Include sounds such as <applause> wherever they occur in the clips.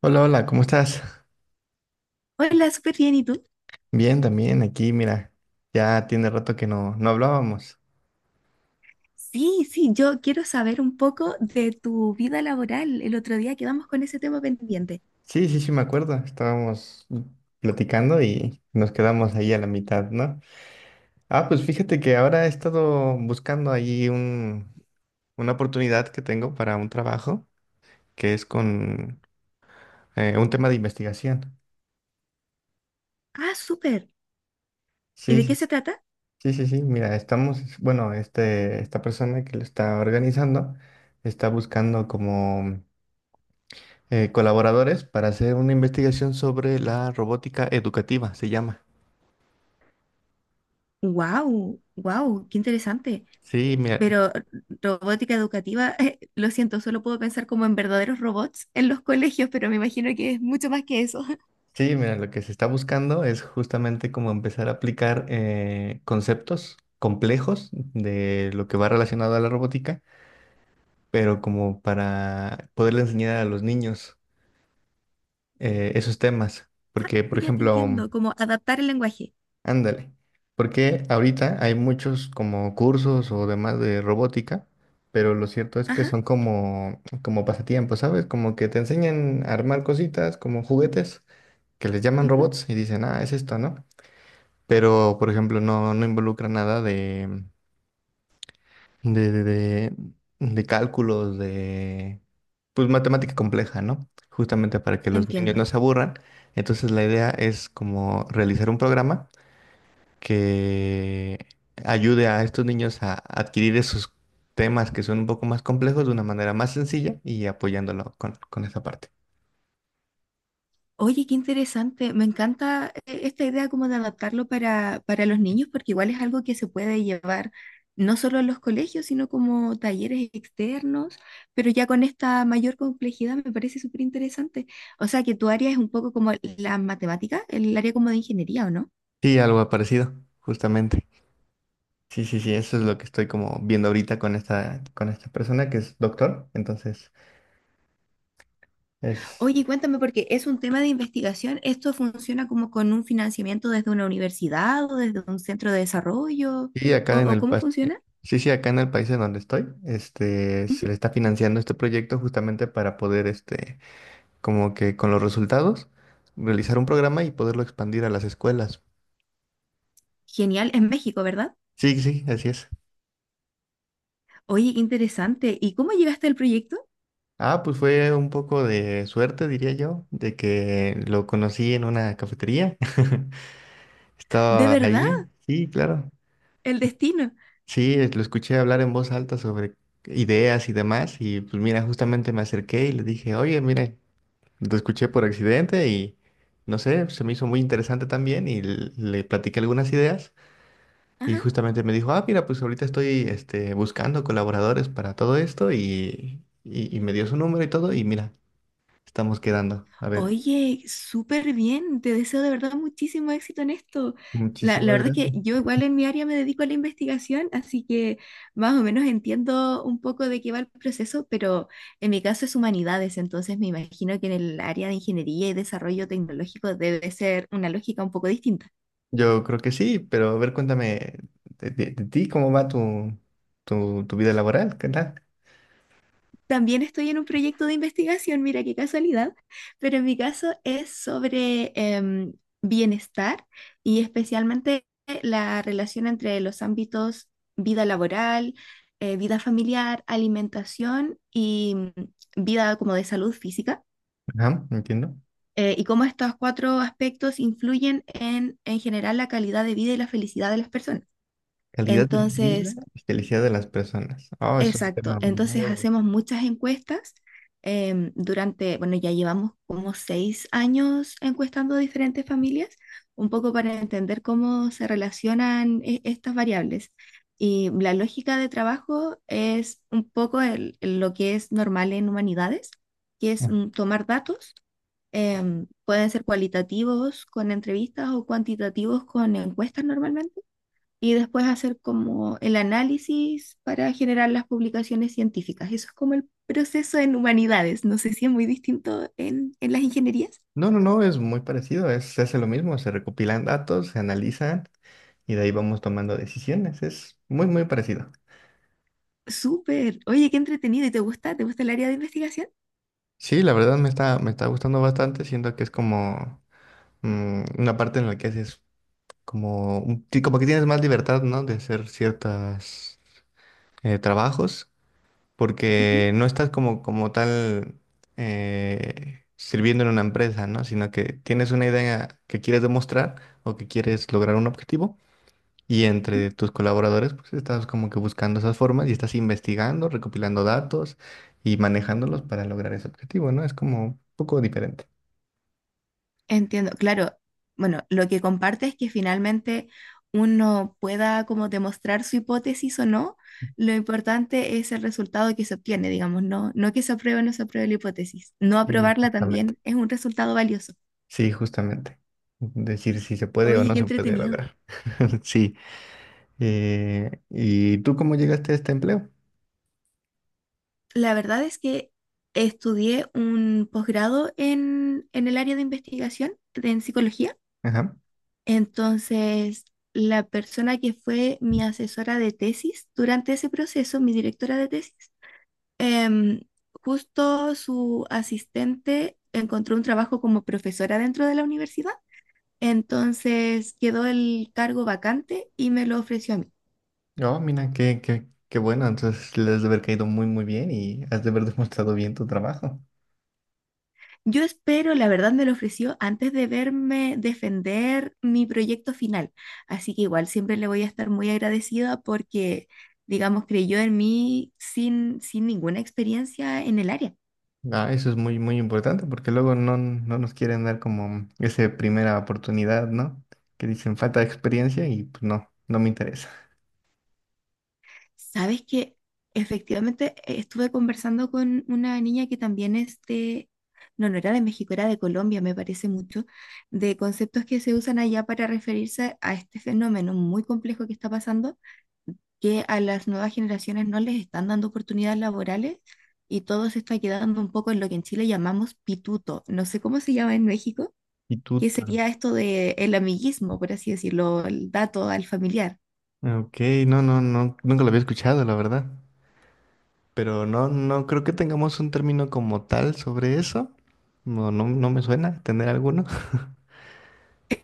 Hola, hola, ¿cómo estás? Hola, súper bien. ¿Y tú? Bien, también aquí, mira, ya tiene rato que no hablábamos. Sí, sí, yo quiero saber un poco de tu vida laboral. El otro día quedamos con ese tema pendiente. Sí, sí, sí, me acuerdo, estábamos platicando y nos quedamos ahí a la mitad, ¿no? Ah, pues fíjate que ahora he estado buscando ahí una oportunidad que tengo para un trabajo que es con un tema de investigación. Ah, súper. ¿Y Sí, de sí, qué s- se trata? sí, sí, sí, mira, estamos, bueno, esta persona que lo está organizando está buscando como... colaboradores para hacer una investigación sobre la robótica educativa, se llama. Wow, wow, qué interesante. Sí, Eh, mira, Pero robótica educativa, <laughs> lo siento, solo puedo pensar como en verdaderos robots en los colegios, pero me imagino que es mucho más que eso. <laughs> sí, mira, lo que se está buscando es justamente como empezar a aplicar conceptos complejos de lo que va relacionado a la robótica, pero como para poderle enseñar a los niños esos temas. Ah, Porque, por ya te ejemplo, entiendo, como adaptar el lenguaje. ándale, porque ahorita hay muchos como cursos o demás de robótica, pero lo cierto es que Ajá, son como, como pasatiempos, ¿sabes? Como que te enseñan a armar cositas como juguetes que les llaman ujú. robots y dicen, ah, es esto, ¿no? Pero, por ejemplo, no involucra nada de de- cálculos, de, pues, matemática compleja, ¿no? Justamente para que los niños no Entiendo. se aburran. Entonces, la idea es como realizar un programa que ayude a estos niños a adquirir esos temas que son un poco más complejos de una manera más sencilla y apoyándolo con esa parte. Oye, qué interesante. Me encanta esta idea como de adaptarlo para los niños, porque igual es algo que se puede llevar no solo a los colegios, sino como talleres externos, pero ya con esta mayor complejidad me parece súper interesante. O sea, que tu área es un poco como la matemática, el área como de ingeniería, ¿o no? Sí, algo parecido, justamente. Sí, sí, sí, eso es lo que estoy como viendo ahorita con esta persona que es doctor. Entonces, es, Oye, cuéntame, porque es un tema de investigación, ¿esto funciona como con un financiamiento desde una universidad o desde un centro de desarrollo? sí, acá en O el, cómo pas- funciona? sí, sí, acá en el país en donde estoy, este, se Ujú. le está financiando este proyecto justamente para poder, este, como que con los resultados, realizar un programa y poderlo expandir a las escuelas. Genial, en México, ¿verdad? Sí, sí, así es. Oye, qué interesante. ¿Y cómo llegaste al proyecto? Ah, pues fue un poco de suerte, diría yo, de que lo conocí en una cafetería. <laughs> De Estaba verdad, allí, sí, claro. el destino. Lo escuché hablar en voz alta sobre ideas y demás. Y pues mira, justamente me acerqué y le dije, oye, mire, lo escuché por accidente y no sé, se me hizo muy interesante también y le platiqué algunas ideas. Y Ajá. justamente me dijo, ah, mira, pues ahorita estoy este, buscando colaboradores para todo esto y me dio su número y todo. Y mira. Estamos quedando. A ver, Oye, súper bien. Te deseo de verdad muchísimo éxito en esto. La muchísimas verdad es que gracias. yo igual en mi área me dedico a la investigación, así que más o menos entiendo un poco de qué va el proceso, pero en mi caso es humanidades, entonces me imagino que en el área de ingeniería y desarrollo tecnológico debe ser una lógica un poco distinta. Yo creo que sí, pero a ver, cuéntame de ti, ¿cómo va tu, tu vida laboral? ¿Qué tal? También estoy en un proyecto de investigación, mira qué casualidad, pero en mi caso es sobre bienestar y especialmente la relación entre los ámbitos vida laboral, vida familiar, alimentación y vida como de salud física, Ajá, entiendo. Y cómo estos cuatro aspectos influyen en general la calidad de vida y la felicidad de las personas. Calidad de vida Entonces, y felicidad de las personas. Oh, es un tema exacto, entonces muy... hacemos muchas encuestas durante, bueno, ya llevamos como 6 años encuestando diferentes familias, un poco para entender cómo se relacionan estas variables. Y la lógica de trabajo es un poco lo que es normal en humanidades, que es Ah. Tomar datos, pueden ser cualitativos con entrevistas o cuantitativos con encuestas normalmente y después hacer como el análisis para generar las publicaciones científicas. Eso es como el proceso en humanidades. No sé si es muy distinto en las ingenierías. No, no, no, es muy parecido. Se hace lo mismo, se recopilan datos, se analizan y de ahí vamos tomando decisiones. Es muy, muy parecido. Súper. Oye, qué entretenido. ¿Y te gusta? ¿Te gusta el área de investigación? Sí, la verdad me está gustando bastante, siento que es como una parte en la que haces como, como que tienes más libertad, ¿no? De hacer ciertos trabajos, Ujú, porque no estás como, como tal sirviendo en una empresa, ¿no? Sino que tienes una idea que quieres demostrar o que quieres lograr un objetivo y ujú. entre tus colaboradores, pues estás como que buscando esas formas y estás investigando, recopilando datos y manejándolos para lograr ese objetivo, ¿no? Es como un poco diferente. Entiendo. Claro. Bueno, lo que comparte es que finalmente uno pueda como demostrar su hipótesis o no. Lo importante es el resultado que se obtiene, digamos, no, no que se apruebe o no se apruebe la hipótesis. No Sí. aprobarla Justamente. también es un resultado valioso. Sí, justamente. Decir si se puede o Oye, no qué se puede entretenido. lograr. <laughs> Sí. ¿Y tú cómo llegaste a este empleo? La verdad es que estudié un posgrado en el área de investigación en psicología. Ajá. Entonces, la persona que fue mi asesora de tesis durante ese proceso, mi directora de tesis, em, justo su asistente encontró un trabajo como profesora dentro de la universidad. Entonces, quedó el cargo vacante y me lo ofreció a mí. Oh, mira, qué bueno. Entonces les has de haber caído muy, muy bien y has de haber <laughs> demostrado bien tu trabajo. Yo espero, la verdad me lo ofreció antes de verme defender mi proyecto final, así que igual siempre le voy a estar muy agradecida porque, digamos, creyó en mí sin, sin ninguna experiencia en el área. Ah, eso es muy, muy importante porque luego no nos quieren dar como esa primera oportunidad, ¿no? Que dicen falta de experiencia y pues no me interesa. Sabes que efectivamente estuve conversando con una niña que también es de, no, no era de México, era de Colombia, me parece mucho, de conceptos que se usan allá para referirse a este fenómeno muy complejo que está pasando que a las nuevas generaciones no les están dando oportunidades laborales y todo se está quedando un poco en lo que en Chile llamamos pituto. No sé cómo se llama en México, ¿Y tú? que ¿Tano? sería esto de el amiguismo, por así decirlo, el dato al familiar. Ok, no, no, no, nunca lo había escuchado, la verdad. Pero no creo que tengamos un término como tal sobre eso. No, no, no me suena tener alguno. <laughs>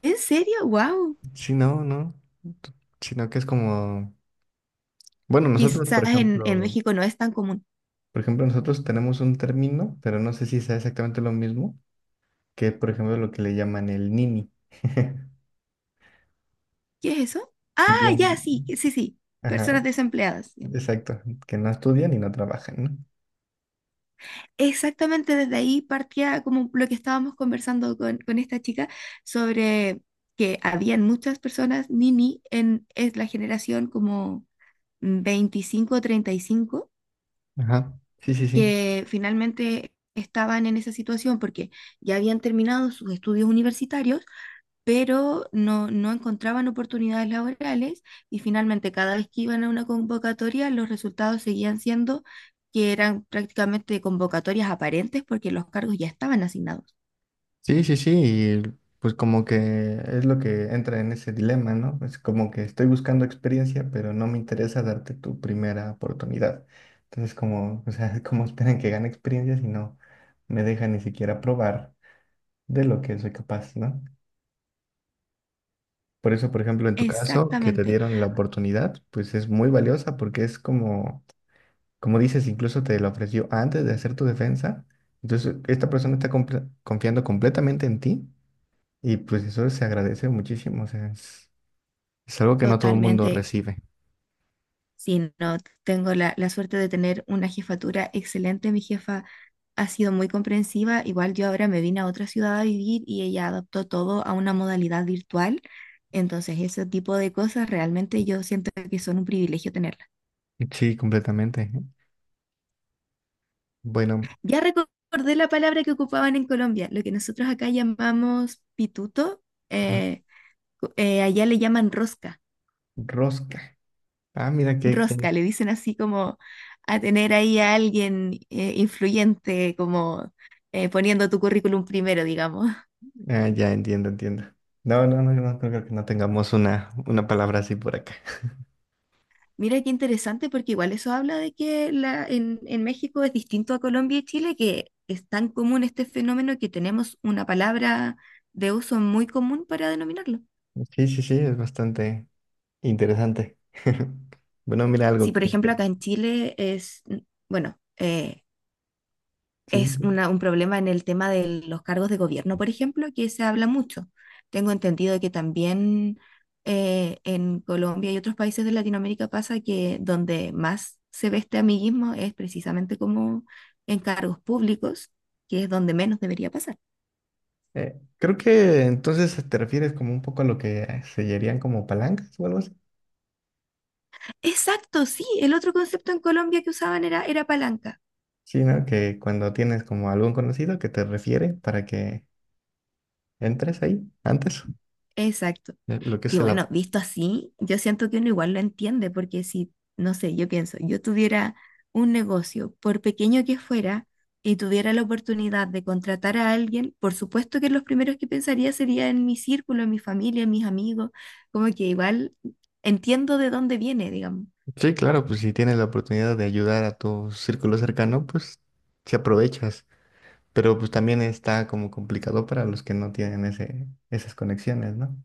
¿En serio? ¡Wow! Sí, no, no. Sino que es como, bueno, nosotros, Quizás en México no es tan común. por ejemplo, nosotros tenemos un término, pero no sé si sea exactamente lo mismo, que por ejemplo, lo que le llaman el nini. <laughs> ¿Qué es eso? Ah, Bien. ya, sí, sí, sí. Ajá, Personas desempleadas. exacto. Que no estudian y no trabajan, Exactamente, desde ahí partía como lo que estábamos conversando con esta chica sobre que habían muchas personas nini en es la generación como 25 o 35 ¿no? Ajá. Sí, sí, sí. que finalmente estaban en esa situación porque ya habían terminado sus estudios universitarios pero no, no encontraban oportunidades laborales y finalmente cada vez que iban a una convocatoria los resultados seguían siendo que eran prácticamente convocatorias aparentes porque los cargos ya estaban asignados. Sí, sí, sí, y pues como que es lo que entra en ese dilema, ¿no? Es como que estoy buscando experiencia, pero no me interesa darte tu primera oportunidad. Entonces, como, o sea, <laughs> como esperan que gane experiencia si no me dejan ni siquiera probar de lo que soy capaz, ¿no? Por eso, por ejemplo, en tu caso, que te Exactamente, dieron la oportunidad, pues es muy valiosa porque es como, como dices, incluso te la ofreció antes de hacer tu defensa. Entonces, esta persona está confiando completamente en ti. Y pues eso se agradece muchísimo, o sea, es algo que no todo el mundo totalmente. recibe. Sí, no, tengo la suerte de tener una jefatura excelente. Mi jefa ha sido muy comprensiva. Igual yo ahora me vine a otra ciudad a vivir y ella adaptó todo a una modalidad virtual. Entonces, ese tipo de cosas realmente yo siento que son un privilegio tenerlas. Sí, completamente. Bueno, Ya recordé la palabra que ocupaban en Colombia, lo que nosotros acá llamamos pituto, r- eh, allá le llaman rosca, rosca. Ah, mira que- rosca, le dicen así como a tener ahí a alguien influyente, como poniendo tu currículum primero, digamos. ah, ya entiendo, entiendo. No, no, no, no creo que no tengamos una palabra así por acá. Mira qué interesante, porque igual eso habla de que la, en México es distinto a Colombia y Chile, que es tan común este fenómeno que tenemos una palabra de uso muy común para denominarlo. Sí, sí, sí, es bastante interesante. <laughs> Bueno, mira algo Sí, que por me ejemplo, llevo. acá en Chile es, bueno, Sí. sí, es sí. Un problema en el tema de los cargos de gobierno, por ejemplo, que se habla mucho. Tengo entendido que también en Colombia y otros países de Latinoamérica pasa que donde más se ve este amiguismo es precisamente como en cargos públicos, que es donde menos debería pasar. Creo que entonces te refieres como un poco a lo que sellarían como palancas o algo así. Exacto, sí, el otro concepto en Colombia que usaban era, era palanca. Sí, ¿no? Que cuando tienes como algún conocido que te refiere para que entres ahí antes. Exacto. Lo que Que es el... bueno, visto así, yo siento que uno igual lo entiende, porque si, no sé, yo pienso, yo tuviera un negocio, por pequeño que fuera, y tuviera la oportunidad de contratar a alguien, por supuesto que los primeros que pensaría sería en mi círculo, en mi familia, en mis amigos, como que igual entiendo de dónde viene, digamos. sí, claro, pues si tienes la oportunidad de ayudar a tu círculo cercano, pues si aprovechas. Pero pues también está como complicado para los que no tienen esas conexiones, ¿no?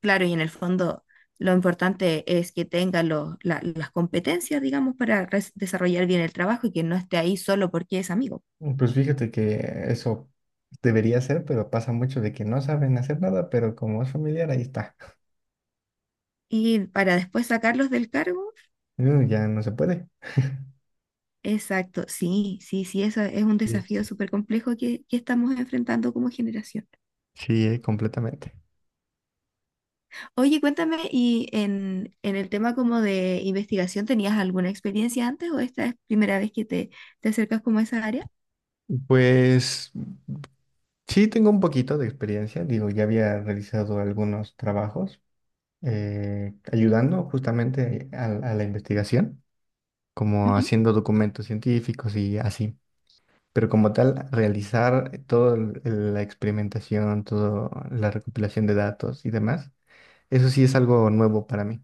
Claro, y en el fondo lo importante es que tenga las competencias, digamos, para desarrollar bien el trabajo y que no esté ahí solo porque es amigo. Mm, pues fíjate que eso debería ser, pero pasa mucho de que no saben hacer nada, pero como es familiar, ahí está. Y para después sacarlos del cargo. Ya no se puede. Exacto, sí, sí, sí, eso es un Yes. desafío súper complejo que estamos enfrentando como generación. Sí, completamente. Oye, cuéntame, ¿y en el tema como de investigación tenías alguna experiencia antes o esta es primera vez que te acercas como a esa área? Pues sí, tengo un poquito de experiencia. Digo, ya había realizado algunos trabajos ayudando justamente a la investigación, como Ujú. haciendo documentos científicos y así. Pero como tal, realizar toda la experimentación, toda la recopilación de datos y demás, eso sí es algo nuevo para mí.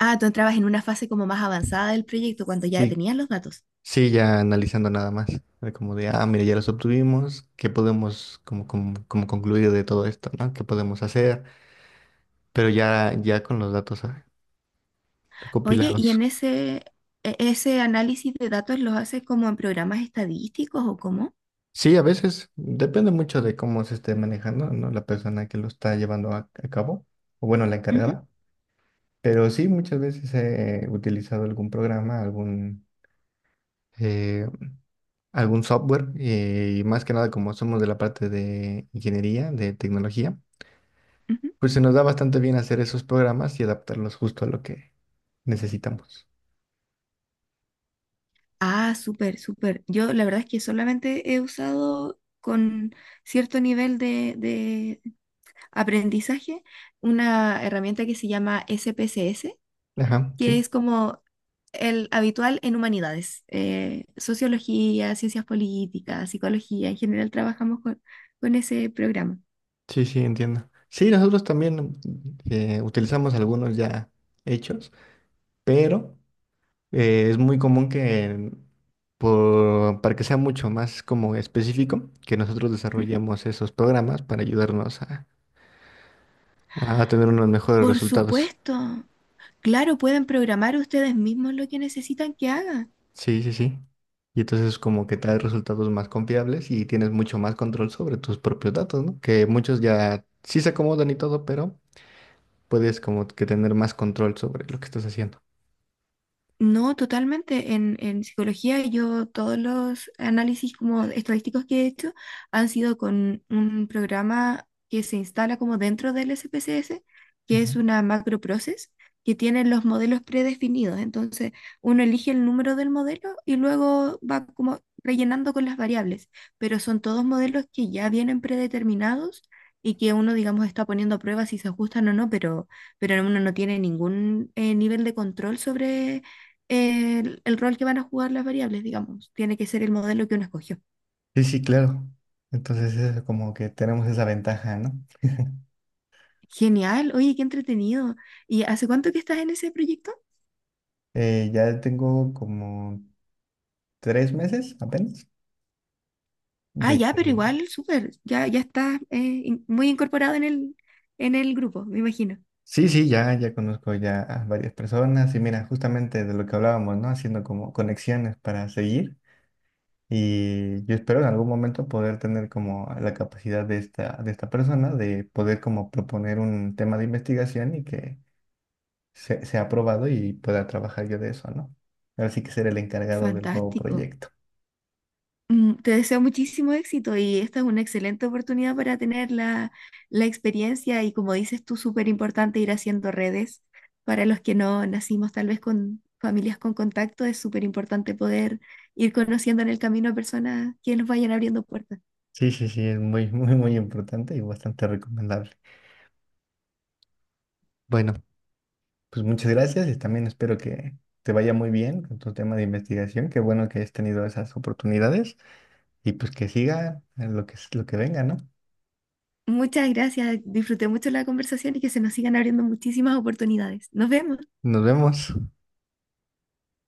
Ah, tú entrabas en una fase como más avanzada del proyecto cuando ya Sí, tenías los datos. sí, ya analizando nada más, de como de, ah, mira, ya los obtuvimos, ¿qué podemos como concluir de todo esto, ¿no? ¿Qué podemos hacer? Pero ya, ya con los datos ah, Oye, ¿y recopilados. en ese, ese análisis de datos los haces como en programas estadísticos o cómo? Sí, a veces depende mucho de cómo se esté manejando, ¿no? La persona que lo está llevando a cabo, o bueno, la Ujú, encargada. Pero sí, muchas veces he utilizado eh, algún software, y más que nada como somos de la parte de ingeniería, de tecnología, ujú. pues se nos da bastante bien hacer esos programas y adaptarlos justo a lo que necesitamos. Ah, súper, súper. Yo la verdad es que solamente he usado con cierto nivel de aprendizaje una herramienta que se llama SPSS, Ajá, que sí, es como el habitual en humanidades, sociología, ciencias políticas, psicología. En general trabajamos con ese programa. sí, sí, entiendo. Sí, nosotros también utilizamos algunos ya hechos, pero... es muy común que, para que sea mucho más como específico, que nosotros Ujú. desarrollemos esos programas para ayudarnos a tener unos mejores Por resultados. supuesto. Claro, pueden programar ustedes mismos lo que necesitan que hagan. Sí, sí, sí. Y entonces como que trae resultados más confiables y tienes mucho más control sobre tus propios datos, ¿no? Que muchos ya sí se acomodan y todo, pero puedes como que tener más control sobre lo que estás haciendo. No, totalmente. En psicología yo todos los análisis como estadísticos que he hecho han sido con un programa que se instala como dentro del SPSS, que Ujú. es una macro process que tiene los modelos predefinidos. Entonces uno elige el número del modelo y luego va como rellenando con las variables, pero son todos modelos que ya vienen predeterminados y que uno, digamos, está poniendo a prueba si se ajustan o no, pero uno no tiene ningún nivel de control sobre el rol que van a jugar las variables, digamos. Tiene que ser el modelo que uno escogió. Sí, sí, claro. Entonces es como que tenemos esa ventaja, ¿no? <laughs> Genial, oye, qué entretenido. ¿Y hace cuánto que estás en ese proyecto? Ya tengo como 3 meses apenas. Ah, De, ya, pero que- igual, súper, ya, ya estás muy incorporado en el grupo, me imagino. sí, sí, ya, ya conozco ya a varias personas y mira, justamente de lo que hablábamos, ¿no? Haciendo como conexiones para seguir y yo espero en algún momento poder tener como la capacidad de esta persona de poder como proponer un tema de investigación y que sea aprobado y pueda trabajar yo de eso, ¿no? Ahora sí que ser el encargado del nuevo Fantástico. proyecto. Te deseo muchísimo éxito y esta es una excelente oportunidad para tener la, la experiencia y como dices tú, súper importante ir haciendo redes. Para los que no nacimos tal vez con familias con contacto, es súper importante poder ir conociendo en el camino a personas que nos vayan abriendo puertas. Sí, sí, sí, es muy, <laughs> muy, muy importante y bastante recomendable. Bueno. Pues muchas gracias y también espero que te vaya muy bien con tu tema de investigación. Qué bueno que hayas tenido esas oportunidades y pues que siga lo que venga, ¿no? Muchas gracias, disfruté mucho la conversación y que se nos sigan abriendo muchísimas oportunidades. Nos vemos. Nos vemos.